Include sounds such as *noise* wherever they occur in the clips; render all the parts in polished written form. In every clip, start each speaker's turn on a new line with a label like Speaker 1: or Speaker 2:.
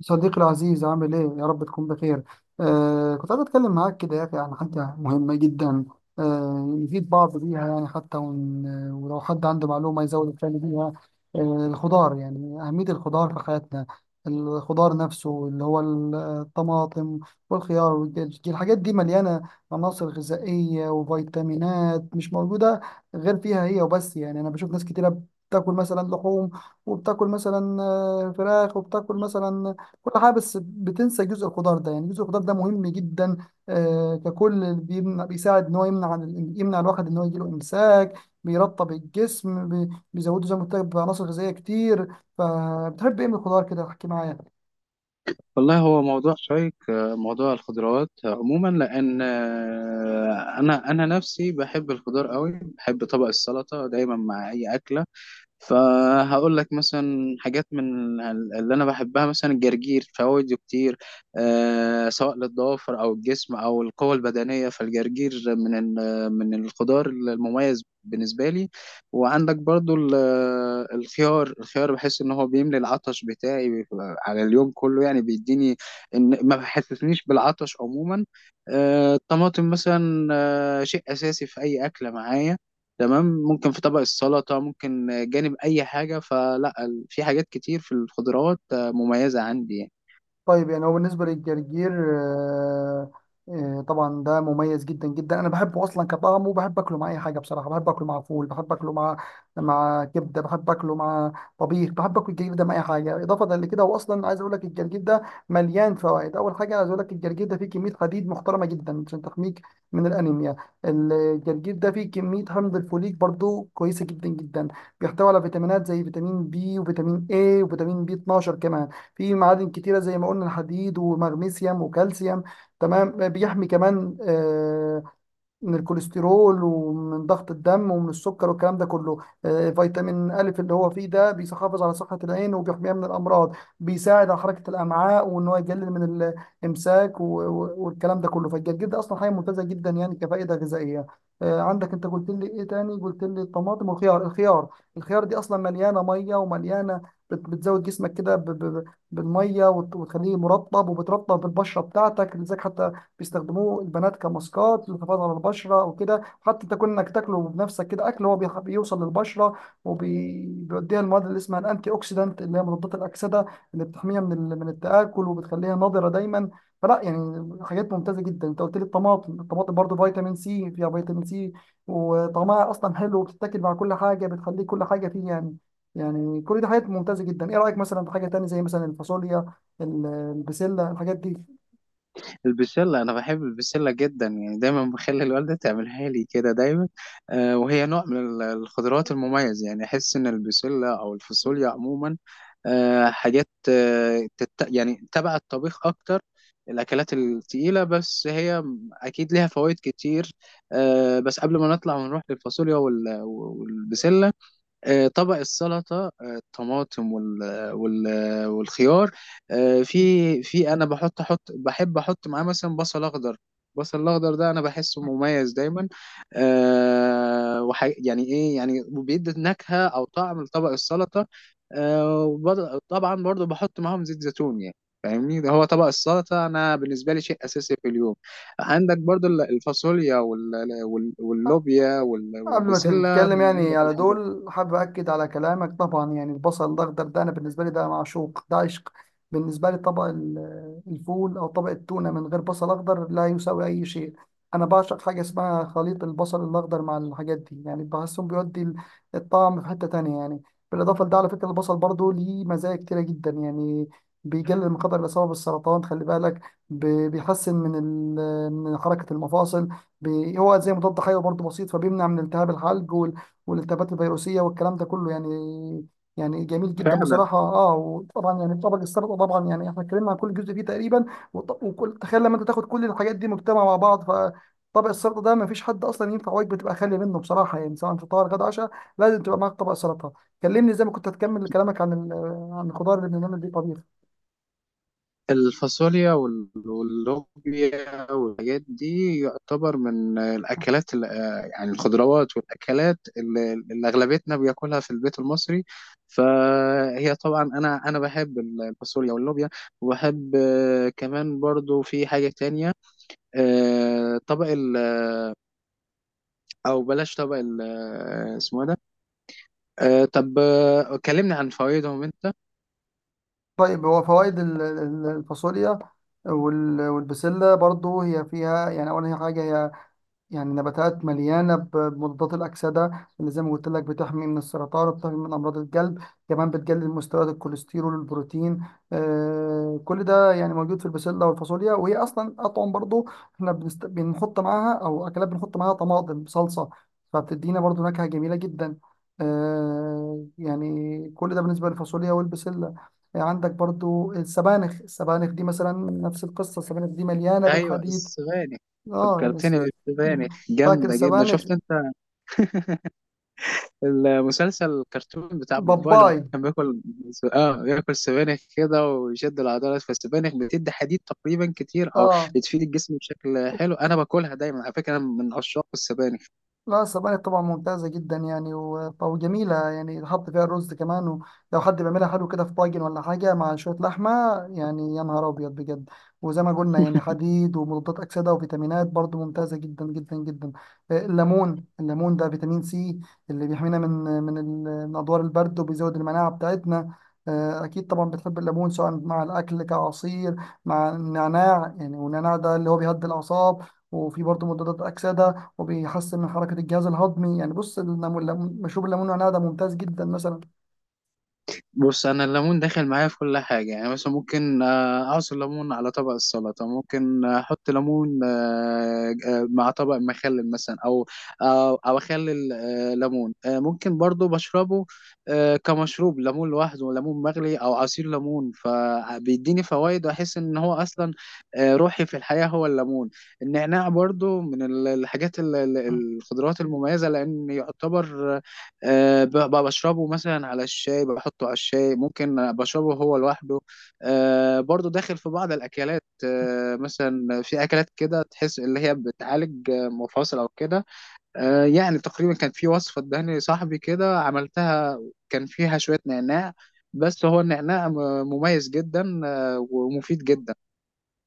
Speaker 1: صديقي العزيز عامل ايه؟ يا رب تكون بخير. كنت عايز اتكلم معاك كده يا اخي عن حاجة مهمة جدا. نفيد بعض بيها، يعني حتى ولو حد عنده معلومة يزود الثاني بيها. الخضار، يعني أهمية الخضار في حياتنا. الخضار نفسه اللي هو الطماطم والخيار والدجاج، الحاجات دي مليانة عناصر غذائية وفيتامينات مش موجودة غير فيها هي وبس. يعني أنا بشوف ناس كتيرة بتاكل مثلا لحوم، وبتاكل مثلا فراخ، وبتاكل مثلا كل حاجه، بس بتنسى جزء الخضار ده. يعني جزء الخضار ده مهم جدا، ككل بيساعد ان هو يمنع يمنع الواحد ان هو يجيله امساك، بيرطب الجسم، بيزوده زي ما قلت لك بعناصر غذائيه كتير. فبتحب ايه من الخضار؟ كده احكي معايا.
Speaker 2: والله هو موضوع شيق، موضوع الخضروات عموما لان آه، انا انا نفسي بحب الخضار قوي. بحب طبق السلطه دايما مع اي اكله. فهقول لك مثلا حاجات اللي انا بحبها. مثلا الجرجير، فوائده كتير، آه، سواء للضوافر او الجسم او القوة البدنية. فالجرجير من الخضار المميز بالنسبة لي. وعندك برضو الخيار بحس ان هو بيملي العطش بتاعي، بيبقى على اليوم كله يعني، بيديني ان ما بحسسنيش بالعطش عموما. آه، الطماطم مثلا، آه، شيء اساسي في اي اكلة معايا. تمام، ممكن في طبق السلطة، ممكن جانب أي حاجة. فلا في حاجات كتير في الخضروات آه، مميزة عندي يعني.
Speaker 1: طيب، يعني هو بالنسبة للجرجير، آه، طبعا ده مميز جدا جدا. انا بحبه اصلا كطعم، وبحب اكله مع اي حاجه بصراحه. بحب اكله مع فول، بحب اكله مع كبده، بحب اكله مع طبيخ. بحب اكل الجرجير ده مع اي حاجه. اضافه لكده، هو اصلا عايز اقول لك الجرجير ده مليان فوائد. اول حاجه عايز اقول لك الجرجير ده فيه كميه حديد محترمه جدا عشان تحميك من الانيميا. الجرجير ده فيه كميه حمض الفوليك برضو كويسه جدا جدا. بيحتوي على فيتامينات زي فيتامين بي، وفيتامين اي، وفيتامين بي 12 كمان. في معادن كتيرة، زي ما قلنا الحديد ومغنيسيوم وكالسيوم. تمام. بيحمي كمان من الكوليسترول ومن ضغط الدم ومن السكر والكلام ده كله. فيتامين ألف اللي هو فيه ده بيحافظ على صحة العين وبيحميها من الأمراض. بيساعد على حركة الأمعاء وإن هو يقلل من الإمساك والكلام ده كله. فالجرجير ده أصلا حاجة ممتازة جدا يعني كفائدة غذائية. عندك أنت قلت لي إيه تاني؟ قلت لي الطماطم والخيار. الخيار دي أصلا مليانة مية، ومليانة بتزود جسمك كده بالميه، وتخليه مرطب، وبترطب البشره بتاعتك. لذلك حتى بيستخدموه البنات كماسكات للحفاظ على البشره، او كده حتى تكون انك تاكله بنفسك كده اكل، هو بيوصل للبشره وبيوديها المواد اللي اسمها الانتي اوكسيدانت اللي هي مضادات الاكسده، اللي بتحميها من من التاكل وبتخليها نضره دايما. فلا يعني حاجات ممتازه جدا. انت قلت لي الطماطم. الطماطم برضو فيتامين سي، فيها فيتامين سي، وطعمها اصلا حلو، وبتتاكل مع كل حاجه، بتخلي كل حاجه فيه يعني. يعني كل دي حاجات ممتازه جدا. ايه رايك مثلا في حاجه تانية زي مثلا الفاصوليا، البسله، الحاجات دي؟
Speaker 2: البسلة، أنا بحب البسلة جدا يعني، دايما بخلي الوالدة تعملها لي كده دايما. آه، وهي نوع من الخضروات المميز. يعني أحس إن البسلة أو الفاصوليا عموما آه، حاجات آه، يعني تبع الطبيخ أكتر، الأكلات التقيلة. بس هي أكيد ليها فوائد كتير. آه، بس قبل ما نطلع ونروح للفاصوليا والبسلة، آه، طبق السلطة، آه، الطماطم وال وال والخيار آه، في في أنا بحط أحط بحب أحط معاه مثلا بصل أخضر. البصل الأخضر ده أنا بحسه مميز دايما. آه، يعني إيه، يعني بيدي نكهة أو طعم لطبق السلطة. آه، طبعا برضو بحط معاهم زيت زيتون يعني، فاهمني. ده هو طبق السلطة أنا بالنسبة لي شيء أساسي في اليوم. عندك برضو الفاصوليا واللوبيا
Speaker 1: قبل ما
Speaker 2: والبسلة،
Speaker 1: تتكلم
Speaker 2: من
Speaker 1: يعني
Speaker 2: أنضف
Speaker 1: على
Speaker 2: الحاجات.
Speaker 1: دول، حابب أكد على كلامك طبعا. يعني البصل الأخضر ده، أنا بالنسبة لي ده معشوق، ده عشق. بالنسبة لي طبق الفول أو طبق التونة من غير بصل أخضر لا يساوي أي شيء. أنا بعشق حاجة اسمها خليط البصل الأخضر مع الحاجات دي. يعني بحسهم بيودي الطعم في حتة تانية يعني. بالإضافة لده، على فكرة البصل برضو ليه مزايا كتيرة جدا يعني. بيقلل من خطر الإصابة بالسرطان، خلي بالك. بيحسن من من حركة المفاصل. هو زي مضاد حيوي برضه بسيط، فبيمنع من التهاب الحلق والالتهابات الفيروسيه والكلام ده كله يعني. يعني جميل جدا
Speaker 2: فعلا
Speaker 1: بصراحه. اه، وطبعا يعني طبق السلطه، طبعا يعني احنا اتكلمنا عن كل جزء فيه تقريبا وكل. تخيل لما انت تاخد كل الحاجات دي مجتمعه مع بعض، فطبق السلطه ده ما فيش حد اصلا ينفع وجبه تبقى خاليه منه بصراحه يعني، سواء فطار، غدا، عشاء، لازم تبقى معاك طبق سلطه. كلمني زي ما كنت هتكمل كلامك عن عن الخضار اللي بنعمل بيه طبيخ.
Speaker 2: الفاصوليا واللوبيا والحاجات دي يعتبر من يعني الخضروات والأكلات اللي أغلبيتنا بياكلها في البيت المصري. فهي طبعا أنا بحب الفاصوليا واللوبيا، وبحب آه، كمان برضو في حاجة تانية. آه، طبق ال، أو بلاش، طبق ال آه، اسمه إيه ده؟ آه، طب آه، كلمني عن فوائدهم أنت.
Speaker 1: طيب، هو فوائد الفاصوليا والبسلة برضو، هي فيها يعني أول حاجة، هي يعني نباتات مليانة بمضادات الأكسدة اللي زي ما قلت لك بتحمي من السرطان وبتحمي من أمراض القلب. كمان بتقلل مستويات الكوليسترول والبروتين. كل ده يعني موجود في البسلة والفاصوليا، وهي أصلا أطعم برضو. احنا بنحط معاها، أو أكلات بنحط معاها طماطم صلصة، فبتدينا برضو نكهة جميلة جدا. يعني كل ده بالنسبة للفاصوليا والبسلة. عندك برضو السبانخ. السبانخ دي مثلا نفس القصة، السبانخ دي مليانة
Speaker 2: أيوه،
Speaker 1: بالحديد.
Speaker 2: السبانخ،
Speaker 1: اه،
Speaker 2: فكرتني بالسبانخ.
Speaker 1: فاكر
Speaker 2: جامدة جدا.
Speaker 1: السبانخ؟
Speaker 2: شفت أنت المسلسل الكرتون بتاع بابا لما
Speaker 1: باباي.
Speaker 2: كان بياكل؟ اه، بياكل سبانخ كده ويشد العضلات. فالسبانخ بتدي حديد تقريبا كتير، او
Speaker 1: اه.
Speaker 2: بتفيد الجسم بشكل حلو. انا باكلها دايما على فكره، انا من عشاق السبانخ.
Speaker 1: لا، السبانخ طبعا ممتازة جدا يعني، وجميلة يعني، تحط فيها الرز كمان، ولو حد بيعملها حلو كده في طاجن ولا حاجة مع شوية لحمة، يعني يا نهار أبيض بجد. وزي ما قلنا يعني، حديد ومضادات أكسدة وفيتامينات، برضو ممتازة جدا جدا جدا. الليمون، الليمون ده فيتامين سي، اللي بيحمينا من من أدوار البرد، وبيزود المناعة بتاعتنا. أكيد طبعا بتحب الليمون، سواء مع الأكل كعصير، مع النعناع يعني. والنعناع ده اللي هو بيهدي الأعصاب، وفي برضه مضادات أكسدة، وبيحسن من حركة الجهاز الهضمي. يعني بص، الليمون، مشروب الليمون والنعناع ده ممتاز جدا مثلا.
Speaker 2: بص، انا الليمون داخل معايا في كل حاجه، يعني مثلا ممكن آه، اعصر ليمون على طبق السلطه، ممكن احط ليمون آه، آه، مع طبق مخلل مثلا، او اخلل آه، ليمون آه، ممكن برضو بشربه آه، كمشروب ليمون لوحده، ليمون مغلي او عصير ليمون. فبيديني فوائد واحس ان هو اصلا آه، روحي في الحياه هو الليمون. النعناع برضو من الحاجات الخضروات المميزه، لان يعتبر أه، بشربه مثلا على الشاي، بحطه على الشاي، ممكن بشربه هو لوحده. أه برضو داخل في بعض الأكلات، أه مثلا في أكلات كده تحس اللي هي بتعالج آه، مفاصل أو كده. أه يعني تقريبا كان في وصفة اداني صاحبي كده عملتها، كان فيها شوية نعناع. بس هو النعناع مميز جدا آه، ومفيد جدا.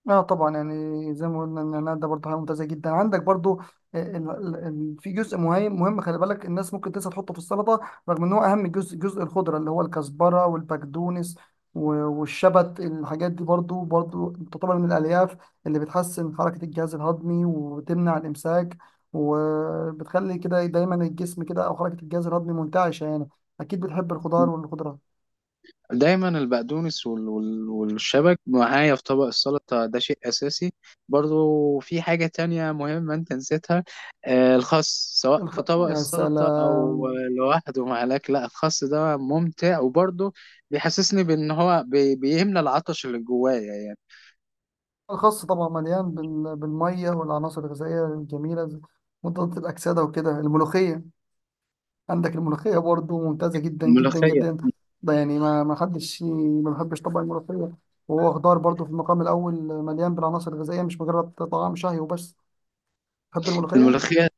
Speaker 1: اه، طبعا يعني زي ما قلنا ان انا ده برضه حاجه ممتازه جدا. عندك برضه في جزء مهم مهم، خلي بالك، الناس ممكن تنسى تحطه في السلطه، رغم ان هو اهم جزء. جزء الخضره اللي هو الكزبره والبقدونس والشبت، الحاجات دي برضه برضه تعتبر من الالياف اللي بتحسن حركه الجهاز الهضمي، وبتمنع الامساك، وبتخلي كده دايما الجسم كده، او حركه الجهاز الهضمي منتعشه يعني. اكيد بتحب الخضار والخضره.
Speaker 2: دايما البقدونس والشبك معايا في طبق السلطة، ده شيء أساسي. برضو في حاجة تانية مهمة أنت نسيتها، آه، الخس، سواء
Speaker 1: الخ...
Speaker 2: في طبق
Speaker 1: يا
Speaker 2: السلطة أو
Speaker 1: سلام.
Speaker 2: آه، لوحده مع الأكل. لا، الخس ده ممتع، وبرضو بيحسسني بأن هو بيملى العطش اللي جوايا يعني.
Speaker 1: الخاص طبعا مليان بالميه والعناصر الغذائيه الجميله زي مضادات الاكسده وكده. الملوخيه، عندك الملوخيه برضو ممتازه جدا جدا
Speaker 2: الملوخية،
Speaker 1: جدا. ده يعني ما حدش ما بحبش طبعا الملوخيه، وهو خضار برضو في المقام الاول، مليان بالعناصر الغذائيه، مش مجرد طعام شهي وبس. بحب الملوخيه.
Speaker 2: الملوخية،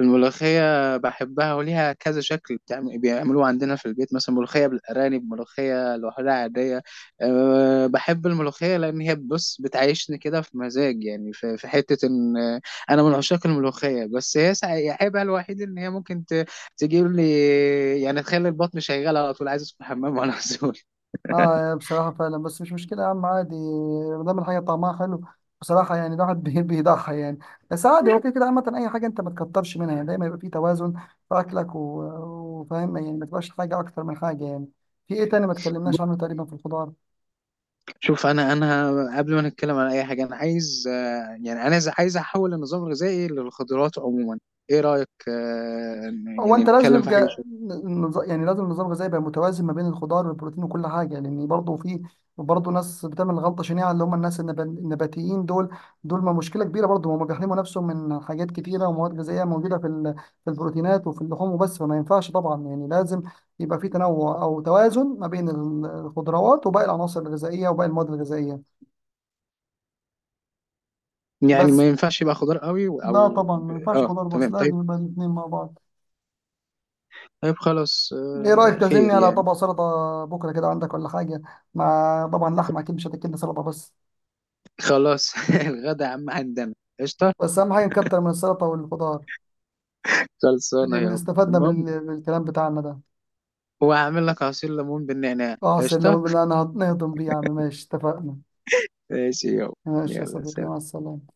Speaker 2: الملوخية بحبها وليها كذا شكل، بيعملوها عندنا في البيت، مثلا ملوخية بالأرانب، ملوخية لوحدها عادية. أه، بحب الملوخية لأن هي، بص، بتعيشني كده في مزاج، يعني في, في حتة إن آه، أنا من عشاق الملوخية. بس هي عيبها الوحيد إن هي ممكن تجيب لي، يعني تخلي البطن شغال على طول، عايز أدخل الحمام وأنا مسؤول.
Speaker 1: اه، يا بصراحة فعلا، بس مش مشكلة يا عم، عادي ما دام الحاجة طعمها حلو. بصراحة يعني الواحد *laughs* بيضحي يعني، بس عادي هو *laughs* كده كده. عامة أي حاجة أنت ما تكترش منها، يعني دايما يبقى في توازن في أكلك، وفاهم يعني، ما تبقاش حاجة أكتر من حاجة يعني. في إيه تاني ما تكلمناش عنه تقريبا في الخضار؟
Speaker 2: شوف، انا قبل ما نتكلم على اي حاجه، انا عايز آه، يعني انا عايز احول النظام الغذائي للخضروات عموما. ايه رايك آه،
Speaker 1: هو
Speaker 2: يعني
Speaker 1: انت لازم
Speaker 2: نتكلم في حاجه
Speaker 1: يبقى
Speaker 2: شويه؟
Speaker 1: يعني لازم النظام الغذائي يبقى متوازن ما بين الخضار والبروتين وكل حاجه، لان برضه في برضه ناس بتعمل غلطه شنيعه اللي هم الناس النباتيين دول. دول ما مشكله كبيره برضه. هم بيحرموا نفسهم من حاجات كتيره ومواد غذائيه موجوده في في البروتينات وفي اللحوم وبس. فما ينفعش طبعا يعني، لازم يبقى في تنوع او توازن ما بين الخضروات وباقي العناصر الغذائيه وباقي المواد الغذائيه.
Speaker 2: يعني
Speaker 1: بس
Speaker 2: ما ينفعش يبقى خضار قوي
Speaker 1: لا،
Speaker 2: او.
Speaker 1: طبعا ما ينفعش
Speaker 2: اه
Speaker 1: خضار بس،
Speaker 2: تمام، طيب.
Speaker 1: لازم يبقى الاثنين مع بعض.
Speaker 2: طيب خلاص،
Speaker 1: ايه
Speaker 2: آه،
Speaker 1: رايك تعزمني
Speaker 2: خير
Speaker 1: على
Speaker 2: يعني.
Speaker 1: طبق سلطه بكره كده عندك ولا حاجه؟ مع طبعا لحمه اكيد، مش هتاكلنا سلطه بس.
Speaker 2: خلاص، *laughs* الغدا عم عندنا، قشطه.
Speaker 1: بس اهم حاجه نكتر من السلطه والخضار،
Speaker 2: خلصانه
Speaker 1: اللي
Speaker 2: يابا.
Speaker 1: استفدنا
Speaker 2: المهم،
Speaker 1: بالكلام بتاعنا ده.
Speaker 2: وهعمل لك عصير ليمون بالنعناع،
Speaker 1: اه
Speaker 2: قشطه.
Speaker 1: سلم، انا نهضم بيه يا عم، ماشي، اتفقنا.
Speaker 2: ماشي يابا.
Speaker 1: ماشي يا
Speaker 2: يلا،
Speaker 1: صديقي، مع
Speaker 2: سلام.
Speaker 1: السلامه.